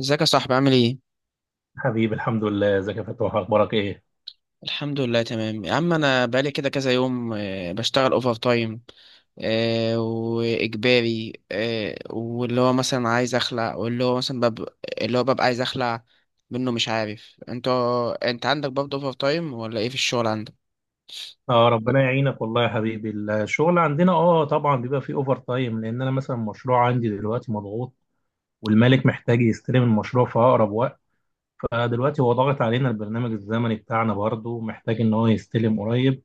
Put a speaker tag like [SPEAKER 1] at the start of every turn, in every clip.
[SPEAKER 1] ازيك يا صاحبي، عامل ايه؟
[SPEAKER 2] حبيبي، الحمد لله. ازيك يا فتوح؟ اخبارك ايه؟
[SPEAKER 1] الحمد لله، تمام يا عم. انا بقالي كده كذا يوم بشتغل اوفر تايم واجباري. واللي هو مثلا عايز اخلع، واللي هو مثلا بب... اللي هو ببقى عايز اخلع منه. مش عارف انت، انت عندك برضه اوفر تايم ولا ايه في الشغل عندك؟
[SPEAKER 2] اه ربنا يعينك والله يا حبيبي. الشغل عندنا طبعا بيبقى فيه اوفر تايم، لان انا مثلا المشروع عندي دلوقتي مضغوط، والمالك محتاج يستلم المشروع في اقرب وقت. فدلوقتي هو ضاغط علينا، البرنامج الزمني بتاعنا برضه محتاج ان هو يستلم قريب.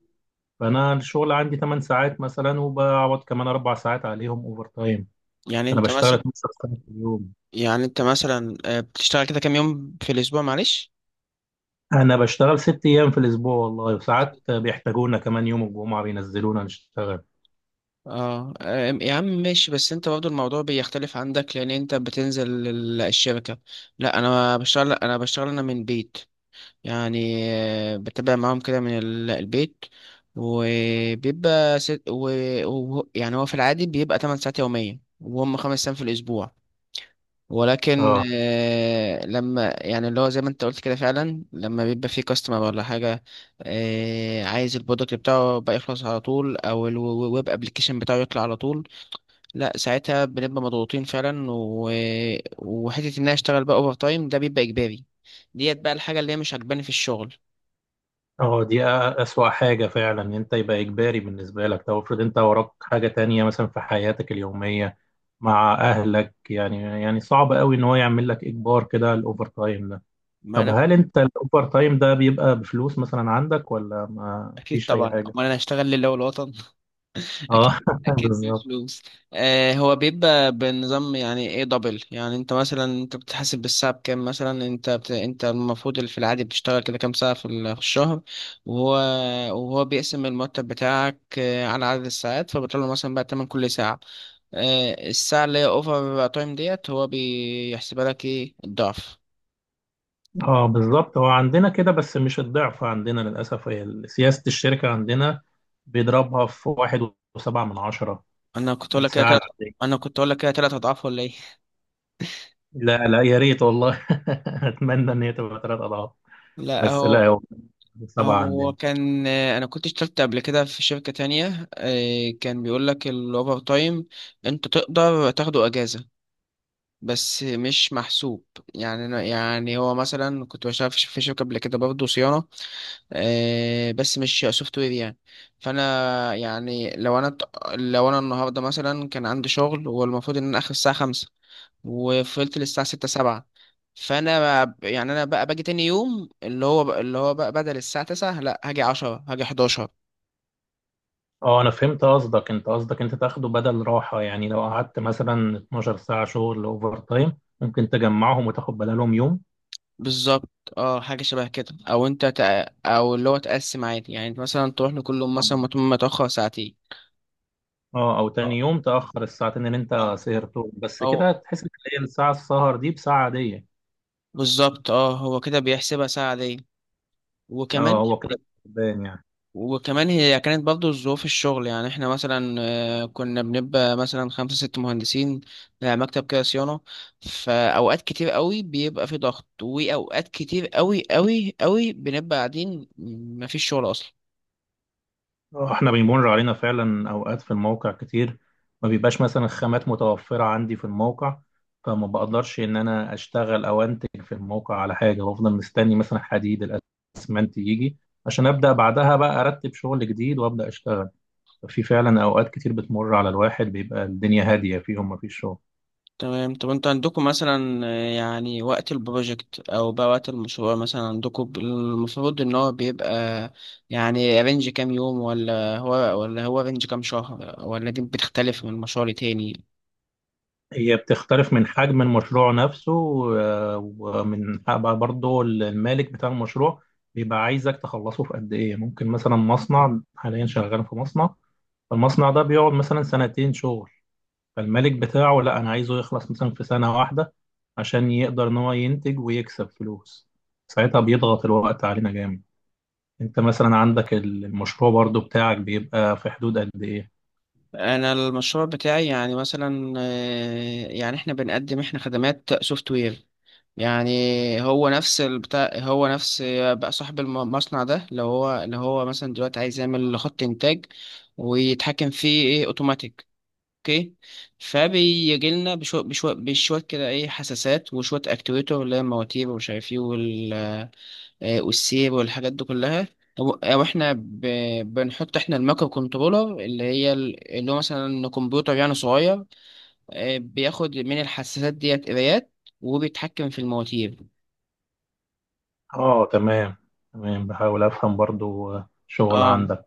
[SPEAKER 2] فانا الشغل عندي 8 ساعات مثلا، وبقعد كمان 4 ساعات عليهم اوفر تايم.
[SPEAKER 1] يعني
[SPEAKER 2] فانا
[SPEAKER 1] انت
[SPEAKER 2] بشتغل
[SPEAKER 1] مثلا
[SPEAKER 2] 12 ساعه في اليوم.
[SPEAKER 1] يعني انت مثلا بتشتغل كده كام يوم في الاسبوع، معلش؟
[SPEAKER 2] انا بشتغل 6 ايام في الاسبوع والله، وساعات بيحتاجونا كمان يوم الجمعه بينزلونا نشتغل.
[SPEAKER 1] اه. يا عم ماشي، بس انت برضه الموضوع بيختلف عندك، لان انت بتنزل الشركة. لا انا بشتغل انا من البيت. يعني بتابع معاهم كده من البيت. وبيبقى ست و... يعني هو في العادي بيبقى 8 ساعات يوميا، وهم خمس ايام في الاسبوع. ولكن
[SPEAKER 2] اه.
[SPEAKER 1] لما يعني اللي هو زي ما انت قلت كده فعلا، لما بيبقى في كاستمر ولا حاجة عايز البرودكت بتاعه بقى يخلص على طول، او الويب ابلكيشن بتاعه يطلع على طول، لا ساعتها بنبقى مضغوطين فعلا. وحته ان انا اشتغل بقى اوفر تايم ده بيبقى اجباري. ديت بقى الحاجه اللي هي مش عجباني في الشغل.
[SPEAKER 2] اه دي أ- أسوأ حاجة فعلا إن أنت يبقى إجباري بالنسبة لك. طب افرض أنت وراك حاجة تانية مثلا في حياتك اليومية مع أهلك، يعني صعب قوي إن هو يعمل لك إجبار كده الأوفر تايم ده.
[SPEAKER 1] ما
[SPEAKER 2] طب
[SPEAKER 1] انا
[SPEAKER 2] هل
[SPEAKER 1] كنت
[SPEAKER 2] أنت الأوفر تايم ده بيبقى بفلوس مثلا عندك ولا ما
[SPEAKER 1] اكيد
[SPEAKER 2] فيش أي
[SPEAKER 1] طبعا،
[SPEAKER 2] حاجة؟
[SPEAKER 1] امال انا اشتغل لله والوطن.
[SPEAKER 2] اه
[SPEAKER 1] اكيد. اكيد
[SPEAKER 2] بالظبط.
[SPEAKER 1] بفلوس. آه، هو بيبقى بنظام يعني ايه، دبل. يعني انت مثلا، انت بتحاسب بالساعه بكام؟ مثلا انت المفروض اللي في العادي بتشتغل كده كام ساعه في الشهر، وهو وهو بيقسم المرتب بتاعك على عدد الساعات، فبيطلع له مثلا بقى تمن كل ساعه. آه، الساعه اللي هي اوفر تايم ديت هو بيحسبها لك ايه، الضعف؟
[SPEAKER 2] اه، بالظبط. هو عندنا كده بس مش الضعف عندنا، للأسف هي سياسة الشركة عندنا. بيضربها في واحد وسبعة من عشرة
[SPEAKER 1] انا كنت اقول لك كده
[SPEAKER 2] الساعة
[SPEAKER 1] تلات
[SPEAKER 2] العادية.
[SPEAKER 1] انا كنت اقول لك كده تلات اضعاف ولا ايه؟
[SPEAKER 2] لا، لا، يا ريت والله. اتمنى ان هي تبقى 3 اضعاف.
[SPEAKER 1] لا
[SPEAKER 2] بس
[SPEAKER 1] هو
[SPEAKER 2] لا، هو سبعه
[SPEAKER 1] هو
[SPEAKER 2] عندنا.
[SPEAKER 1] كان انا كنت اشتغلت قبل كده في شركة تانية، كان بيقول لك الاوفر تايم انت تقدر تاخده اجازة، بس مش محسوب. يعني يعني هو مثلا كنت بشتغل في شركة قبل كده، برضه صيانة، بس مش سوفت وير يعني. فانا يعني لو انا النهارده مثلا كان عندي شغل، والمفروض ان انا اخر الساعة خمسة، وفضلت للساعة ستة سبعة، يعني انا بقى باجي تاني يوم اللي هو بقى بدل الساعه 9، لا هاجي 10، هاجي 11.
[SPEAKER 2] اه، انا فهمت قصدك انت قصدك انت تاخده بدل راحه يعني، لو قعدت مثلا 12 ساعه شغل اوفر تايم، ممكن تجمعهم وتاخد بدلهم يوم.
[SPEAKER 1] بالظبط. اه، حاجه شبه كده، او اللي هو تقسم عادي. يعني انت مثلا تروح لكل يوم مثلا
[SPEAKER 2] اه.
[SPEAKER 1] متاخر ساعتين.
[SPEAKER 2] او تاني
[SPEAKER 1] اه.
[SPEAKER 2] يوم تاخر الساعتين اللي
[SPEAKER 1] اه.
[SPEAKER 2] انت سهرتهم، بس
[SPEAKER 1] او
[SPEAKER 2] كده تحس ان هي الساعه، السهر دي بساعه عاديه.
[SPEAKER 1] بالظبط، اه هو كده بيحسبها ساعه دي. وكمان
[SPEAKER 2] اه، هو كده كسبان يعني.
[SPEAKER 1] وكمان هي كانت برضه ظروف الشغل. يعني احنا مثلا كنا بنبقى مثلا خمسة ست مهندسين، مكتب كده صيانة. فأوقات كتير قوي بيبقى في ضغط، وأوقات كتير قوي قوي قوي بنبقى قاعدين، مفيش شغل أصلا.
[SPEAKER 2] احنا بيمر علينا فعلا اوقات في الموقع كتير. ما بيبقاش مثلا الخامات متوفرة عندي في الموقع، فما بقدرش ان انا اشتغل او انتج في الموقع على حاجة، وافضل مستني مثلا حديد الاسمنت يجي عشان ابدا بعدها بقى ارتب شغل جديد وابدا اشتغل. في فعلا اوقات كتير بتمر على الواحد بيبقى الدنيا هادية فيهم، ما فيش شغل.
[SPEAKER 1] تمام. طب انتوا عندكم مثلا يعني وقت البروجكت أو بقى وقت المشروع، مثلا عندكم المفروض إن هو بيبقى يعني رينج كام يوم، ولا هو رينج كام شهر، ولا دي بتختلف من مشروع لتاني؟
[SPEAKER 2] هي بتختلف من حجم المشروع نفسه، ومن بقى برضه المالك بتاع المشروع بيبقى عايزك تخلصه في قد ايه. ممكن مثلا مصنع، حاليا شغال في مصنع، فالمصنع ده بيقعد مثلا سنتين شغل، فالمالك بتاعه لا، انا عايزه يخلص مثلا في سنة واحدة عشان يقدر ان هو ينتج ويكسب فلوس. ساعتها بيضغط الوقت علينا جامد. انت مثلا عندك المشروع برضه بتاعك بيبقى في حدود قد ايه؟
[SPEAKER 1] انا المشروع بتاعي يعني مثلا يعني احنا بنقدم احنا خدمات سوفت وير، يعني. هو نفس. بقى صاحب المصنع ده لو هو مثلا دلوقتي عايز يعمل خط انتاج ويتحكم فيه ايه، اوتوماتيك. اوكي. فبيجي لنا بشوية بشوية بشوية كده، ايه، حساسات وشوية اكتويتر اللي هي المواتير ومش عارف ايه، والسير والحاجات دي كلها. أو إحنا بنحط إحنا المايكرو كنترولر اللي هي اللي هو مثلا كمبيوتر يعني صغير، بياخد من الحساسات ديت قرايات، وبيتحكم في المواتير.
[SPEAKER 2] اه، تمام تمام. بحاول افهم برضه شغل
[SPEAKER 1] اه.
[SPEAKER 2] عندك.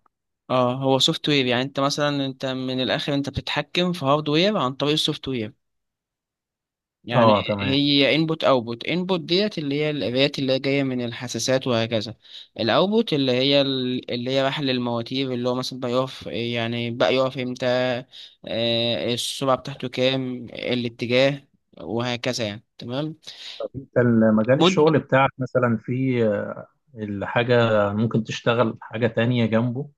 [SPEAKER 1] اه هو سوفت وير. يعني انت مثلا، انت من الاخر انت بتتحكم في هاردوير عن طريق السوفت وير يعني.
[SPEAKER 2] اه، تمام.
[SPEAKER 1] هي انبوت اوتبوت. انبوت ديت اللي هي القراءات اللي هي جايه من الحساسات، وهكذا. الاوتبوت اللي هي اللي هي بحل المواتير، اللي هو مثلا بقى يقف، يعني بقى يقف امتى، السرعه بتاعته كام، الاتجاه، وهكذا يعني. تمام.
[SPEAKER 2] انت مجال
[SPEAKER 1] مد
[SPEAKER 2] الشغل بتاعك مثلا في الحاجة، ممكن تشتغل حاجة تانية جنبه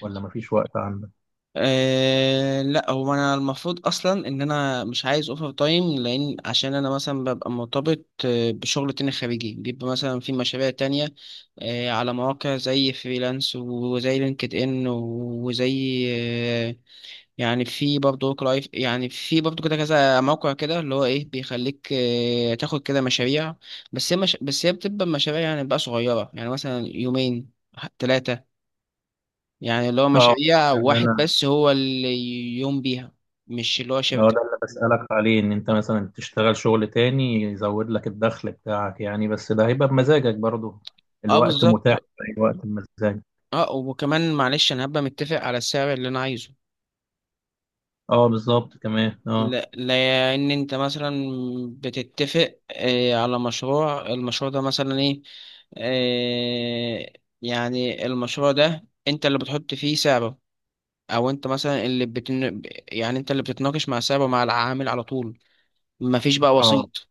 [SPEAKER 2] ولا مفيش وقت عندك؟
[SPEAKER 1] أه لا، هو انا المفروض اصلا ان انا مش عايز اوفر تايم، لان عشان انا مثلا ببقى مرتبط بشغل تاني خارجي، بيبقى مثلا في مشاريع تانية. أه، على مواقع زي فريلانس وزي لينكد ان، وزي يعني في برضه ورك لايف. يعني في برضه كده كذا موقع كده، اللي هو ايه، بيخليك تاخد كده مشاريع. بس هي مش بس هي بتبقى مشاريع يعني بقى صغيرة، يعني مثلا يومين ثلاثة. يعني اللي هو
[SPEAKER 2] اه
[SPEAKER 1] مشاريع
[SPEAKER 2] ده اللي
[SPEAKER 1] واحد
[SPEAKER 2] انا
[SPEAKER 1] بس هو اللي يقوم بيها، مش اللي هو
[SPEAKER 2] اه
[SPEAKER 1] شركة.
[SPEAKER 2] ده اللي بسألك عليه، ان انت مثلا تشتغل شغل تاني يزود لك الدخل بتاعك يعني. بس ده هيبقى بمزاجك برضه،
[SPEAKER 1] اه
[SPEAKER 2] الوقت متاح
[SPEAKER 1] بالظبط.
[SPEAKER 2] في اي وقت بمزاجك.
[SPEAKER 1] اه وكمان معلش انا هبقى متفق على السعر اللي انا عايزه.
[SPEAKER 2] اه بالظبط، كمان اه.
[SPEAKER 1] لا لان انت مثلا بتتفق على مشروع. المشروع ده مثلا ايه آه، يعني المشروع ده انت اللي بتحط فيه سعره، او انت مثلا اللي بتن... يعني انت اللي بتتناقش مع سعره، مع العامل على طول، مفيش بقى
[SPEAKER 2] اه،
[SPEAKER 1] وسيط.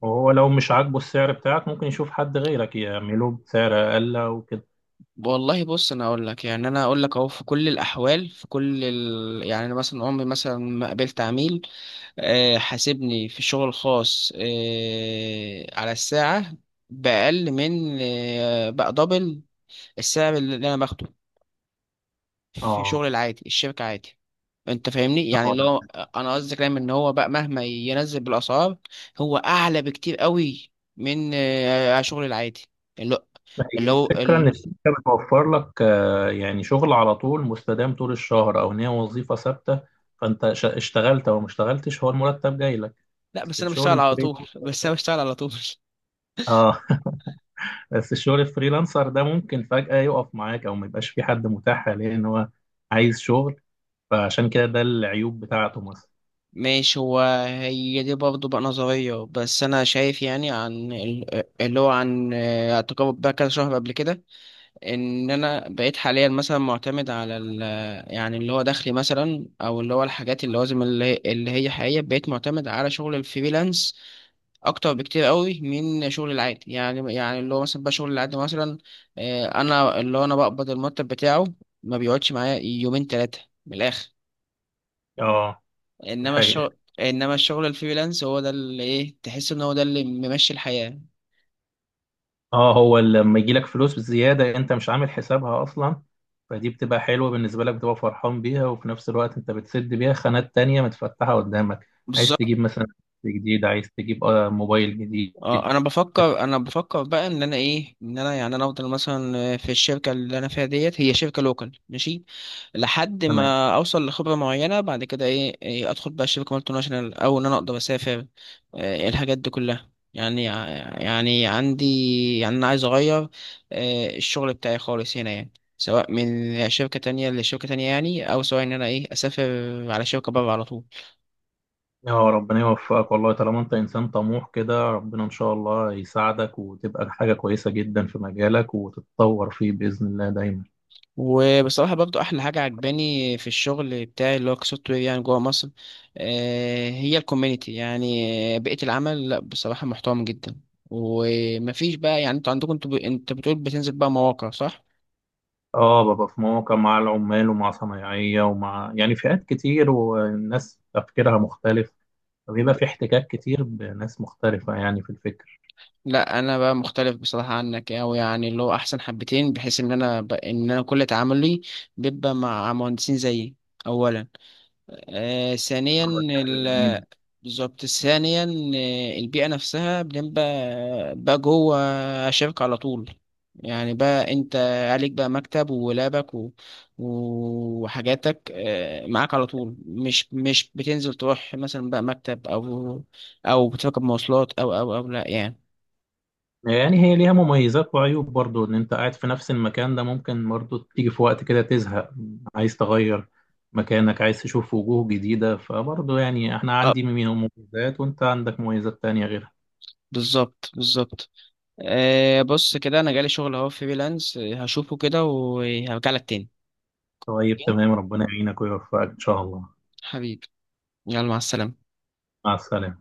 [SPEAKER 2] وهو لو مش عاجبه السعر بتاعك ممكن يشوف حد غيرك يعمله بسعر اقل وكده.
[SPEAKER 1] والله بص، انا اقول لك، يعني انا اقول لك اهو في كل الاحوال، يعني انا مثلا عمري مثلا ما قابلت عميل حاسبني في الشغل الخاص على الساعه باقل من بقى دبل السعر اللي انا باخده في
[SPEAKER 2] اه.
[SPEAKER 1] شغل العادي الشركه عادي. انت فاهمني
[SPEAKER 2] اه،
[SPEAKER 1] يعني اللي هو، انا قصدي كلام ان هو بقى مهما ينزل بالاسعار، هو اعلى بكتير قوي من شغل العادي اللي هو
[SPEAKER 2] هي
[SPEAKER 1] اللي هو
[SPEAKER 2] الفكرة إن الشركة بتوفر لك يعني شغل على طول مستدام طول الشهر، أو إن هي وظيفة ثابتة. فأنت اشتغلت أو ما اشتغلتش، هو المرتب جاي لك.
[SPEAKER 1] لا،
[SPEAKER 2] بس الشغل الفريلانسر
[SPEAKER 1] بس انا
[SPEAKER 2] ده
[SPEAKER 1] بشتغل على طول.
[SPEAKER 2] آه بس الشغل الفريلانسر ده ممكن فجأة يقف معاك، أو ما يبقاش في حد متاح حاليا إن هو عايز شغل. فعشان كده ده العيوب بتاعته مثلا.
[SPEAKER 1] ماشي هو هي دي برضه بقى نظرية، بس أنا شايف، يعني عن اللي هو عن تجارب بقى كذا شهر قبل كده، إن أنا بقيت حاليا مثلا معتمد على ال، يعني اللي هو دخلي مثلا، أو اللي هو الحاجات اللوازم اللي هي حقيقية، بقيت معتمد على شغل الفريلانس أكتر بكتير قوي من شغل العادي. يعني اللي هو مثلا بقى شغل العادي مثلا، أنا اللي هو أنا بقبض المرتب بتاعه، ما بيقعدش معايا يومين تلاتة من الآخر.
[SPEAKER 2] آه، دي حقيقة.
[SPEAKER 1] انما الشغل الفريلانس هو ده اللي ايه، تحس ان هو ده اللي ممشي الحياة.
[SPEAKER 2] اه، هو لما يجي لك فلوس زيادة انت مش عامل حسابها اصلا، فدي بتبقى حلوة بالنسبة لك، بتبقى فرحان بيها، وفي نفس الوقت انت بتسد بيها خانات تانية متفتحة قدامك. عايز
[SPEAKER 1] بالظبط.
[SPEAKER 2] تجيب مثلا جديد، عايز تجيب موبايل جديد.
[SPEAKER 1] اه انا بفكر بقى ان انا ايه، ان انا يعني انا افضل مثلا في الشركة اللي انا فيها ديت، هي شركة لوكال، ماشي، لحد
[SPEAKER 2] تمام.
[SPEAKER 1] ما اوصل لخبره معينه. بعد كده ايه, ادخل بقى شركه مالتي ناشونال، او ان انا اقدر اسافر، إيه، الحاجات دي كلها يعني. يعني عندي، يعني انا عايز اغير، إيه، الشغل بتاعي خالص هنا يعني، سواء من شركه تانية لشركه تانية يعني، او سواء ان انا ايه، اسافر على شركه بره على طول.
[SPEAKER 2] يا ربنا يوفقك والله، طالما انت انسان طموح كده ربنا ان شاء الله يساعدك وتبقى حاجة كويسة جدا في مجالك وتتطور فيه بإذن الله دايما.
[SPEAKER 1] وبصراحة برضو أحلى حاجة عجباني في الشغل بتاعي اللي هو كسوفت وير، يعني جوه مصر، هي الكوميونيتي، يعني بيئة العمل، لا بصراحة محترم جدا. ومفيش بقى يعني، انتوا عندكم، انت بتقول بتنزل بقى مواقع، صح؟
[SPEAKER 2] اه، ببقى في مواقع مع العمال ومع صنايعية ومع يعني فئات كتير، والناس تفكيرها مختلف، فبيبقى في احتكاك كتير بناس مختلفة يعني في الفكر.
[SPEAKER 1] لا انا بقى مختلف بصراحه عنك اوي، يعني اللي هو احسن حبتين، بحيث ان ان انا كل تعاملي بيبقى مع مهندسين زيي اولا. آه، ثانيا
[SPEAKER 2] اه، دي حاجة جميلة.
[SPEAKER 1] بالظبط، ثانيا البيئة نفسها بنبقى بقى جوه شركة على طول. يعني بقى انت عليك بقى مكتب ولابك وحاجاتك معاك على طول، مش بتنزل تروح مثلا بقى مكتب، او او بتركب مواصلات، او لا يعني.
[SPEAKER 2] يعني هي ليها مميزات وعيوب برضو، ان انت قاعد في نفس المكان ده ممكن برضو تيجي في وقت كده تزهق، عايز تغير مكانك، عايز تشوف وجوه جديدة. فبرضو يعني احنا
[SPEAKER 1] اه
[SPEAKER 2] عندي من مميزات وانت عندك مميزات تانية غيرها.
[SPEAKER 1] بالظبط، بالظبط. بص كده، انا جالي شغل اهو فريلانس، هشوفه كده وهرجع لك تاني.
[SPEAKER 2] طيب،
[SPEAKER 1] أوكي؟
[SPEAKER 2] تمام. ربنا يعينك ويوفقك ان شاء الله.
[SPEAKER 1] حبيبي، يلا، مع السلامة.
[SPEAKER 2] مع السلامة.